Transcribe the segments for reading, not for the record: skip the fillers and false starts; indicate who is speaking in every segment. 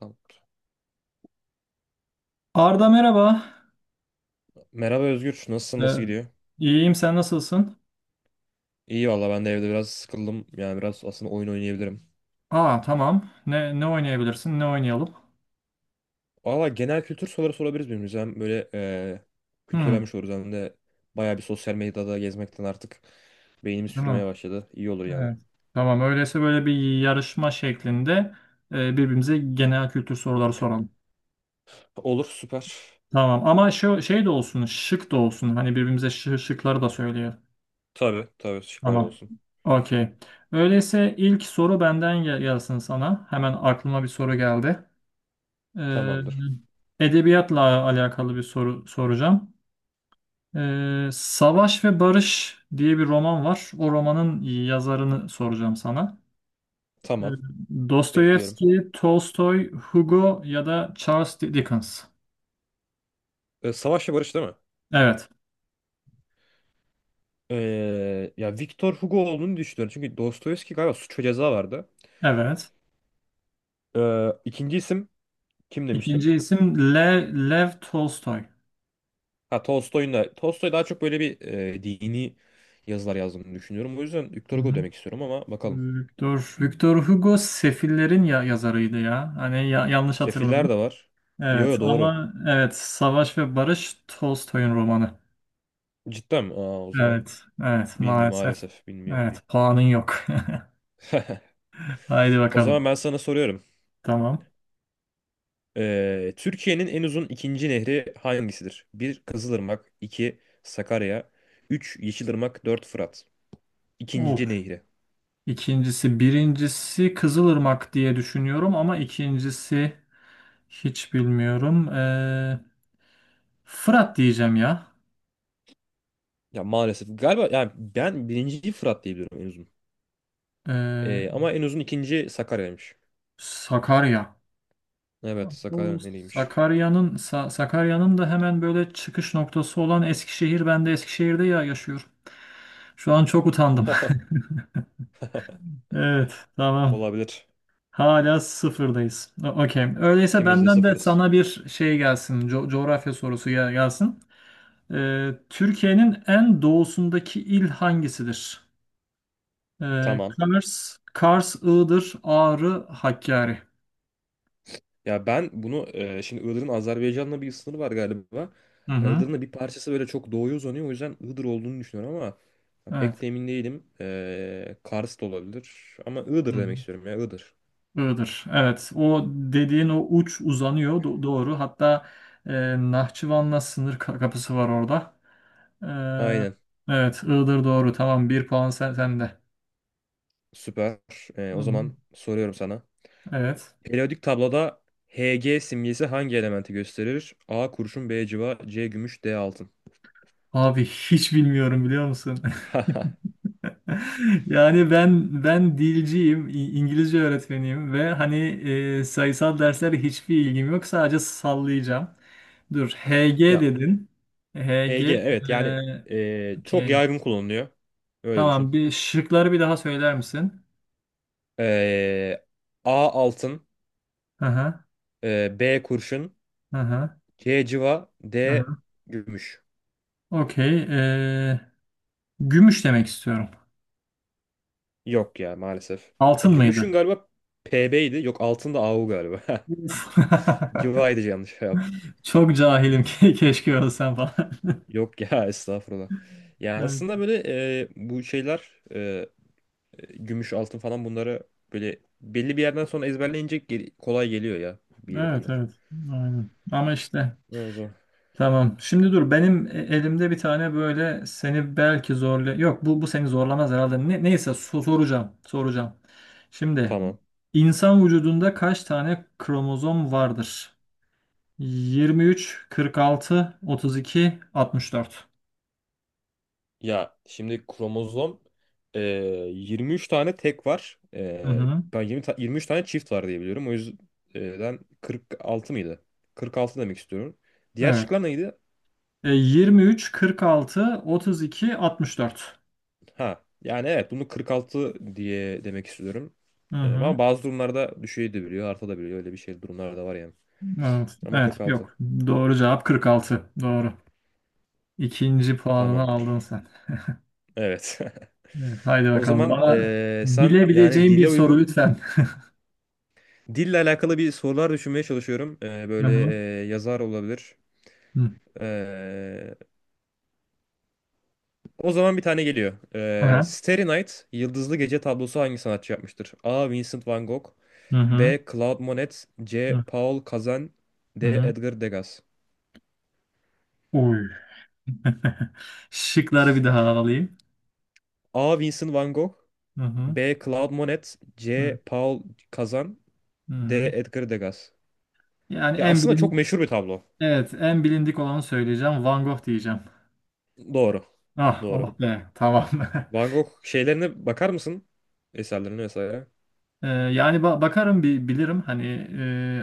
Speaker 1: Tamam.
Speaker 2: Arda, merhaba.
Speaker 1: Merhaba Özgür. Nasılsın?
Speaker 2: Ee,
Speaker 1: Nasıl gidiyor?
Speaker 2: iyiyim sen nasılsın?
Speaker 1: İyi valla ben de evde biraz sıkıldım. Yani biraz aslında oyun oynayabilirim.
Speaker 2: Aa, tamam. Ne oynayabilirsin? Ne oynayalım?
Speaker 1: Valla genel kültür soruları sorabiliriz birbirimize. Hem böyle
Speaker 2: Hmm,
Speaker 1: kültürlenmiş oluruz hem de bayağı bir sosyal medyada gezmekten artık beynimiz sürmeye
Speaker 2: tamam.
Speaker 1: başladı. İyi olur yani.
Speaker 2: Evet. Tamam, öyleyse böyle bir yarışma şeklinde birbirimize genel kültür soruları soralım.
Speaker 1: Olur süper.
Speaker 2: Tamam, ama şu şey de olsun, şık da olsun. Hani birbirimize şıkları da söyleyelim.
Speaker 1: Tabii tabii, şıklar da
Speaker 2: Tamam.
Speaker 1: olsun.
Speaker 2: Okey. Öyleyse ilk soru benden gelsin sana. Hemen aklıma bir soru geldi.
Speaker 1: Tamamdır.
Speaker 2: Ee, Edebiyatla alakalı bir soru soracağım. Savaş ve Barış diye bir roman var. O romanın yazarını soracağım sana. Ee,
Speaker 1: Tamam. Bekliyorum.
Speaker 2: Dostoyevski, Tolstoy, Hugo ya da Charles Dickens.
Speaker 1: Savaş ve Barış değil mi?
Speaker 2: Evet,
Speaker 1: Ya Victor Hugo olduğunu düşünüyorum. Çünkü Dostoyevski galiba Suç ve Ceza vardı.
Speaker 2: evet.
Speaker 1: İkinci isim kim demiştin?
Speaker 2: İkinci isim Lev Tolstoy.
Speaker 1: Ha Tolstoy daha çok böyle bir dini yazılar yazdığını düşünüyorum. O yüzden
Speaker 2: Hı
Speaker 1: Victor Hugo
Speaker 2: hı.
Speaker 1: demek istiyorum ama bakalım.
Speaker 2: Victor Hugo Sefillerin ya yazarıydı ya. Hani yanlış
Speaker 1: Sefiller de
Speaker 2: hatırladım.
Speaker 1: var. Yo,
Speaker 2: Evet,
Speaker 1: yo, doğru.
Speaker 2: ama evet, Savaş ve Barış Tolstoy'un romanı.
Speaker 1: Cidden mi? Aa, o zaman
Speaker 2: Evet, evet,
Speaker 1: bilmiyorum,
Speaker 2: maalesef.
Speaker 1: maalesef bilmiyor.
Speaker 2: Evet, puanın yok. Haydi
Speaker 1: O
Speaker 2: bakalım.
Speaker 1: zaman ben sana soruyorum.
Speaker 2: Tamam.
Speaker 1: Türkiye'nin en uzun ikinci nehri hangisidir? Bir Kızılırmak, 2 Sakarya, 3 Yeşilırmak, 4 Fırat.
Speaker 2: Of.
Speaker 1: İkinci nehri.
Speaker 2: İkincisi, birincisi Kızılırmak diye düşünüyorum ama ikincisi hiç bilmiyorum. Fırat diyeceğim ya.
Speaker 1: Ya maalesef galiba, yani ben birinciyi Fırat diye biliyorum en uzun.
Speaker 2: Ee,
Speaker 1: Ama en uzun ikinci Sakarya'ymış.
Speaker 2: Sakarya.
Speaker 1: Evet,
Speaker 2: Bu
Speaker 1: Sakarya nehriymiş.
Speaker 2: Sakarya'nın da hemen böyle çıkış noktası olan Eskişehir. Ben de Eskişehir'de ya yaşıyorum. Şu an çok utandım. Evet, tamam.
Speaker 1: Olabilir.
Speaker 2: Hala sıfırdayız. Okey. Öyleyse
Speaker 1: İkimiz de
Speaker 2: benden de
Speaker 1: sıfırız.
Speaker 2: sana bir şey gelsin. Coğrafya sorusu gelsin. Türkiye'nin en doğusundaki il hangisidir?
Speaker 1: Tamam.
Speaker 2: Kars, Iğdır, Ağrı, Hakkari.
Speaker 1: Ya ben bunu şimdi Iğdır'ın Azerbaycan'la bir sınırı var galiba.
Speaker 2: Hı
Speaker 1: Hani
Speaker 2: hı.
Speaker 1: Iğdır'ın da bir parçası böyle çok doğuya uzanıyor. O yüzden Iğdır olduğunu düşünüyorum ama
Speaker 2: Evet.
Speaker 1: pek de emin değilim. Kars da olabilir. Ama
Speaker 2: Hı
Speaker 1: Iğdır
Speaker 2: hı.
Speaker 1: demek istiyorum, ya Iğdır.
Speaker 2: Iğdır. Evet. O dediğin o uç uzanıyor. Doğru. Hatta e, Nahçıvan'la sınır kapısı var orada.
Speaker 1: Aynen.
Speaker 2: Ee, evet. Iğdır doğru. Tamam. Bir puan sen, sende.
Speaker 1: Süper.
Speaker 2: Hı
Speaker 1: O
Speaker 2: hı.
Speaker 1: zaman soruyorum sana.
Speaker 2: Evet.
Speaker 1: Periyodik tabloda Hg simgesi hangi elementi gösterir? A kurşun, B civa, C gümüş, D altın.
Speaker 2: Abi hiç bilmiyorum, biliyor musun? Yani ben dilciyim, İngilizce öğretmeniyim ve hani sayısal derslere hiçbir ilgim yok. Sadece sallayacağım. Dur, HG
Speaker 1: Ya
Speaker 2: dedin. HG,
Speaker 1: Hg, evet
Speaker 2: e,
Speaker 1: yani çok
Speaker 2: okey.
Speaker 1: yaygın kullanılıyor. Öyle düşün.
Speaker 2: Tamam, bir şıkları bir daha söyler misin?
Speaker 1: Ee, A altın,
Speaker 2: Aha,
Speaker 1: B kurşun,
Speaker 2: aha,
Speaker 1: C cıva, D
Speaker 2: aha.
Speaker 1: gümüş.
Speaker 2: Okey. Gümüş demek istiyorum.
Speaker 1: Yok ya maalesef. Ya,
Speaker 2: Altın
Speaker 1: gümüşün
Speaker 2: mıydı?
Speaker 1: galiba PB'ydi. Yok, altın da AU galiba.
Speaker 2: Uf.
Speaker 1: Cıvaydı, yanlış cevap.
Speaker 2: Çok cahilim. Keşke ölsem falan.
Speaker 1: Yok ya estağfurullah. Yani
Speaker 2: Evet,
Speaker 1: aslında böyle bu şeyler gümüş altın falan, bunları böyle belli bir yerden sonra ezberleyince kolay geliyor ya, bir yere
Speaker 2: evet,
Speaker 1: kadar.
Speaker 2: evet. Aynen. Ama işte.
Speaker 1: O zaman.
Speaker 2: Tamam. Şimdi dur, benim elimde bir tane böyle seni belki zorla yok bu seni zorlamaz herhalde. Neyse, soracağım. Soracağım. Şimdi
Speaker 1: Tamam.
Speaker 2: insan vücudunda kaç tane kromozom vardır? 23, 46, 32, 64.
Speaker 1: Ya şimdi kromozom e, 23 tane tek var.
Speaker 2: Hı hı.
Speaker 1: Ben 23 tane çift var diye biliyorum. O yüzden 46 mıydı? 46 demek istiyorum. Diğer
Speaker 2: Evet.
Speaker 1: şıklar neydi?
Speaker 2: 23, 46, 32, 64.
Speaker 1: Ha yani evet, bunu 46 diye demek istiyorum.
Speaker 2: Hı
Speaker 1: Ama
Speaker 2: hı.
Speaker 1: bazı durumlarda düşebiliyor, artabiliyor. Öyle bir şey, durumlar da var yani.
Speaker 2: Evet.
Speaker 1: Ama
Speaker 2: Evet,
Speaker 1: 46
Speaker 2: yok. Doğru cevap 46. Doğru. İkinci puanını
Speaker 1: tamamdır.
Speaker 2: aldın sen.
Speaker 1: Evet.
Speaker 2: Evet, haydi
Speaker 1: O
Speaker 2: bakalım.
Speaker 1: zaman
Speaker 2: Bana
Speaker 1: sen, yani
Speaker 2: bilebileceğim bir
Speaker 1: dile
Speaker 2: soru
Speaker 1: uygun
Speaker 2: lütfen.
Speaker 1: dille alakalı bir sorular düşünmeye çalışıyorum.
Speaker 2: Hı
Speaker 1: Böyle
Speaker 2: hı.
Speaker 1: yazar olabilir.
Speaker 2: Hı
Speaker 1: Ee, o zaman bir tane geliyor.
Speaker 2: hı.
Speaker 1: Starry Night, Yıldızlı Gece tablosu hangi sanatçı yapmıştır? A. Vincent van Gogh,
Speaker 2: Hı hı.
Speaker 1: B. Claude Monet, C. Paul Cézanne,
Speaker 2: Hı
Speaker 1: D.
Speaker 2: hı.
Speaker 1: Edgar Degas.
Speaker 2: Oy. Şıkları bir daha alayım.
Speaker 1: A. Vincent van Gogh,
Speaker 2: Hı hı.
Speaker 1: B. Claude Monet, C.
Speaker 2: Hı
Speaker 1: Paul Cézanne, D.
Speaker 2: hı.
Speaker 1: Edgar Degas.
Speaker 2: Yani
Speaker 1: Ya
Speaker 2: en
Speaker 1: aslında çok
Speaker 2: bilin
Speaker 1: meşhur bir tablo.
Speaker 2: evet, en bilindik olanı söyleyeceğim. Van Gogh diyeceğim.
Speaker 1: Doğru.
Speaker 2: Ah, oh
Speaker 1: Doğru.
Speaker 2: be, tamam.
Speaker 1: Van Gogh şeylerine bakar mısın? Eserlerine vesaire.
Speaker 2: Yani bakarım, bir bilirim hani,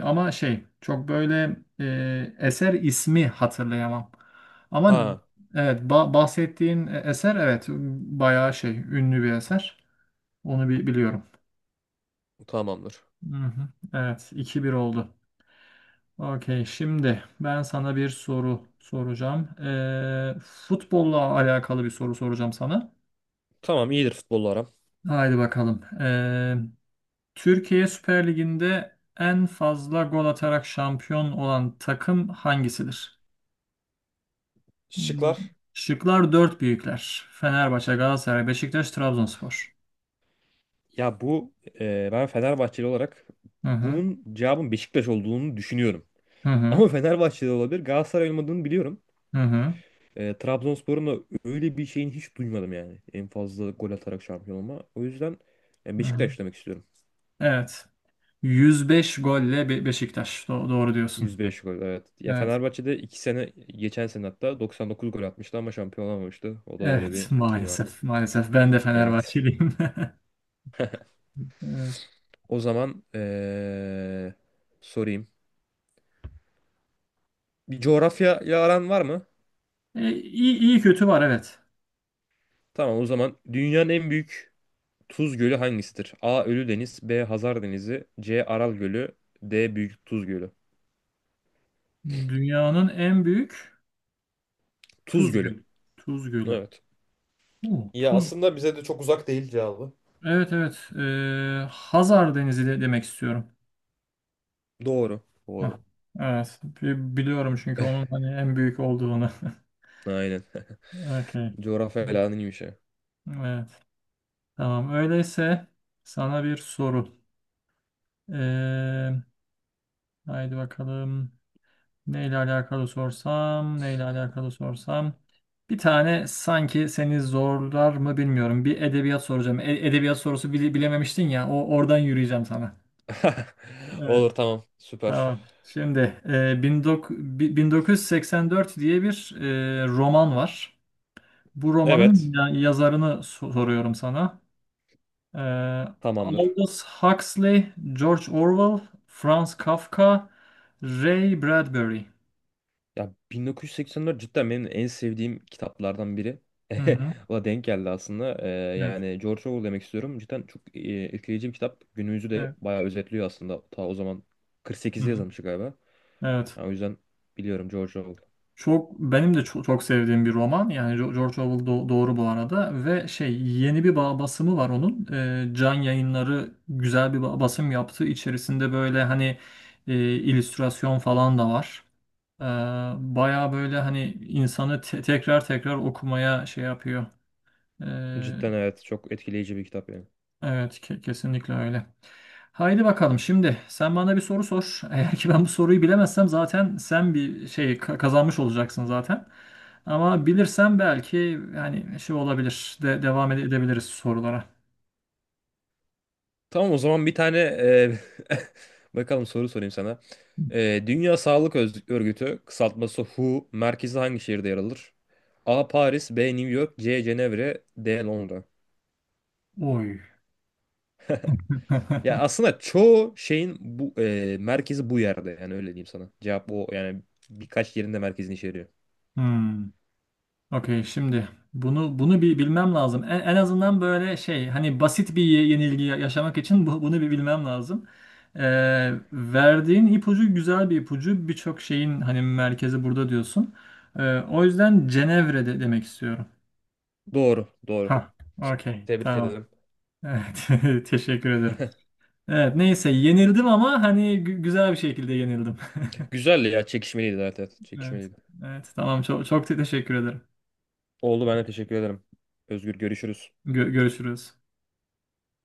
Speaker 2: ama şey çok böyle eser ismi hatırlayamam. Ama
Speaker 1: Ha,
Speaker 2: evet, bahsettiğin eser, evet, bayağı şey ünlü bir eser. Onu bir biliyorum.
Speaker 1: tamamdır.
Speaker 2: Hı hı. Evet, 2-1 oldu. Okey, şimdi ben sana bir soru soracağım. Futbolla alakalı bir soru soracağım sana.
Speaker 1: Tamam, iyidir futbolla aram.
Speaker 2: Haydi bakalım. Türkiye Süper Ligi'nde en fazla gol atarak şampiyon olan takım hangisidir? Hmm.
Speaker 1: Şıklar.
Speaker 2: Şıklar dört büyükler. Fenerbahçe, Galatasaray, Beşiktaş, Trabzonspor.
Speaker 1: Ya bu ben Fenerbahçeli olarak
Speaker 2: Hı hı.
Speaker 1: bunun cevabın Beşiktaş olduğunu düşünüyorum.
Speaker 2: Hı hı.
Speaker 1: Ama Fenerbahçe'de olabilir. Galatasaray olmadığını biliyorum.
Speaker 2: Hı hı.
Speaker 1: Trabzonspor'un da öyle bir şeyini hiç duymadım yani. En fazla gol atarak şampiyon olma. O yüzden
Speaker 2: Hı hı.
Speaker 1: Beşiktaş demek istiyorum.
Speaker 2: Evet. 105 golle Beşiktaş. Doğru diyorsun.
Speaker 1: 105 gol, evet. Ya
Speaker 2: Evet.
Speaker 1: Fenerbahçe'de 2 sene, geçen sene hatta 99 gol atmıştı ama şampiyon olamamıştı. O da öyle
Speaker 2: Evet,
Speaker 1: bir şey var yani.
Speaker 2: maalesef. Maalesef ben de
Speaker 1: Evet.
Speaker 2: Fenerbahçeliyim. Evet.
Speaker 1: O zaman sorayım. Bir coğrafya aran var mı?
Speaker 2: İyi kötü var, evet.
Speaker 1: Tamam, o zaman dünyanın en büyük Tuz Gölü hangisidir? A. Ölüdeniz, B. Hazar Denizi, C. Aral Gölü, D. Büyük Tuz Gölü.
Speaker 2: Dünyanın en büyük
Speaker 1: Tuz
Speaker 2: Tuz
Speaker 1: Gölü.
Speaker 2: Gölü. Tuz Gölü.
Speaker 1: Evet.
Speaker 2: Oo,
Speaker 1: Ya aslında bize de çok uzak değil cevabı.
Speaker 2: evet, evet. Hazar Denizi de demek istiyorum.
Speaker 1: Doğru.
Speaker 2: Hah,
Speaker 1: Doğru.
Speaker 2: evet. Biliyorum, çünkü onun hani en büyük olduğunu.
Speaker 1: Aynen.
Speaker 2: Okay.
Speaker 1: Coğrafya falan iyiymiş ya.
Speaker 2: Evet. Tamam. Öyleyse sana bir soru. Ee, haydi bakalım. Neyle alakalı sorsam, neyle alakalı sorsam. Bir tane sanki seni zorlar mı bilmiyorum. Bir edebiyat soracağım. Edebiyat sorusu bilememiştin ya. O oradan yürüyeceğim sana. Evet.
Speaker 1: Olur, tamam. Süper.
Speaker 2: Tamam. Şimdi 1984 diye bir roman var. Bu
Speaker 1: Evet.
Speaker 2: romanın yazarını soruyorum sana. E,
Speaker 1: Tamamdır.
Speaker 2: Aldous Huxley, George Orwell, Franz Kafka, Ray Bradbury.
Speaker 1: Ya 1984 cidden benim en sevdiğim kitaplardan biri.
Speaker 2: Hı hı.
Speaker 1: O denk geldi aslında.
Speaker 2: Evet.
Speaker 1: Yani George Orwell demek istiyorum. Cidden çok etkileyici bir kitap. Günümüzü de
Speaker 2: Evet.
Speaker 1: bayağı özetliyor aslında. Ta o zaman
Speaker 2: Hı
Speaker 1: 48'de
Speaker 2: hı.
Speaker 1: yazılmış galiba.
Speaker 2: Evet.
Speaker 1: Ya o yüzden biliyorum, George Orwell.
Speaker 2: Çok benim de çok, çok sevdiğim bir roman. Yani George Orwell doğru bu arada, ve şey yeni bir basımı var onun. Can Yayınları güzel bir basım yaptı. İçerisinde böyle hani illüstrasyon falan da var. Ee, baya böyle hani insanı tekrar tekrar okumaya şey yapıyor.
Speaker 1: Cidden evet, çok etkileyici bir kitap yani.
Speaker 2: Evet, kesinlikle öyle. Haydi bakalım, şimdi sen bana bir soru sor. Eğer ki ben bu soruyu bilemezsem zaten sen bir şey kazanmış olacaksın zaten. Ama bilirsem belki yani şey olabilir de devam edebiliriz sorulara.
Speaker 1: Tamam, o zaman bir tane bakalım soru sorayım sana. Dünya Sağlık Örgütü kısaltması WHO merkezi hangi şehirde yer alır? A. Paris, B. New York, C. Cenevre, D. Londra.
Speaker 2: Oy.
Speaker 1: Ya aslında çoğu şeyin bu merkezi bu yerde, yani öyle diyeyim sana. Cevap o yani, birkaç yerinde merkezini içeriyor.
Speaker 2: Hmm. Okey, şimdi bunu bir bilmem lazım. En azından böyle şey hani basit bir yenilgi yaşamak için bunu bir bilmem lazım. Verdiğin ipucu güzel bir ipucu. Birçok şeyin hani merkezi burada diyorsun. O yüzden Cenevre de demek istiyorum.
Speaker 1: Doğru, doğru.
Speaker 2: Ha, okey,
Speaker 1: Tebrik
Speaker 2: tamam.
Speaker 1: ederim.
Speaker 2: Evet, teşekkür ederim. Evet, neyse, yenildim, ama hani güzel bir şekilde yenildim.
Speaker 1: Güzeldi ya. Çekişmeliydi zaten.
Speaker 2: Evet.
Speaker 1: Çekişmeliydi.
Speaker 2: Evet, tamam, çok çok teşekkür ederim.
Speaker 1: Oldu, ben de teşekkür ederim. Özgür, görüşürüz.
Speaker 2: Görüşürüz.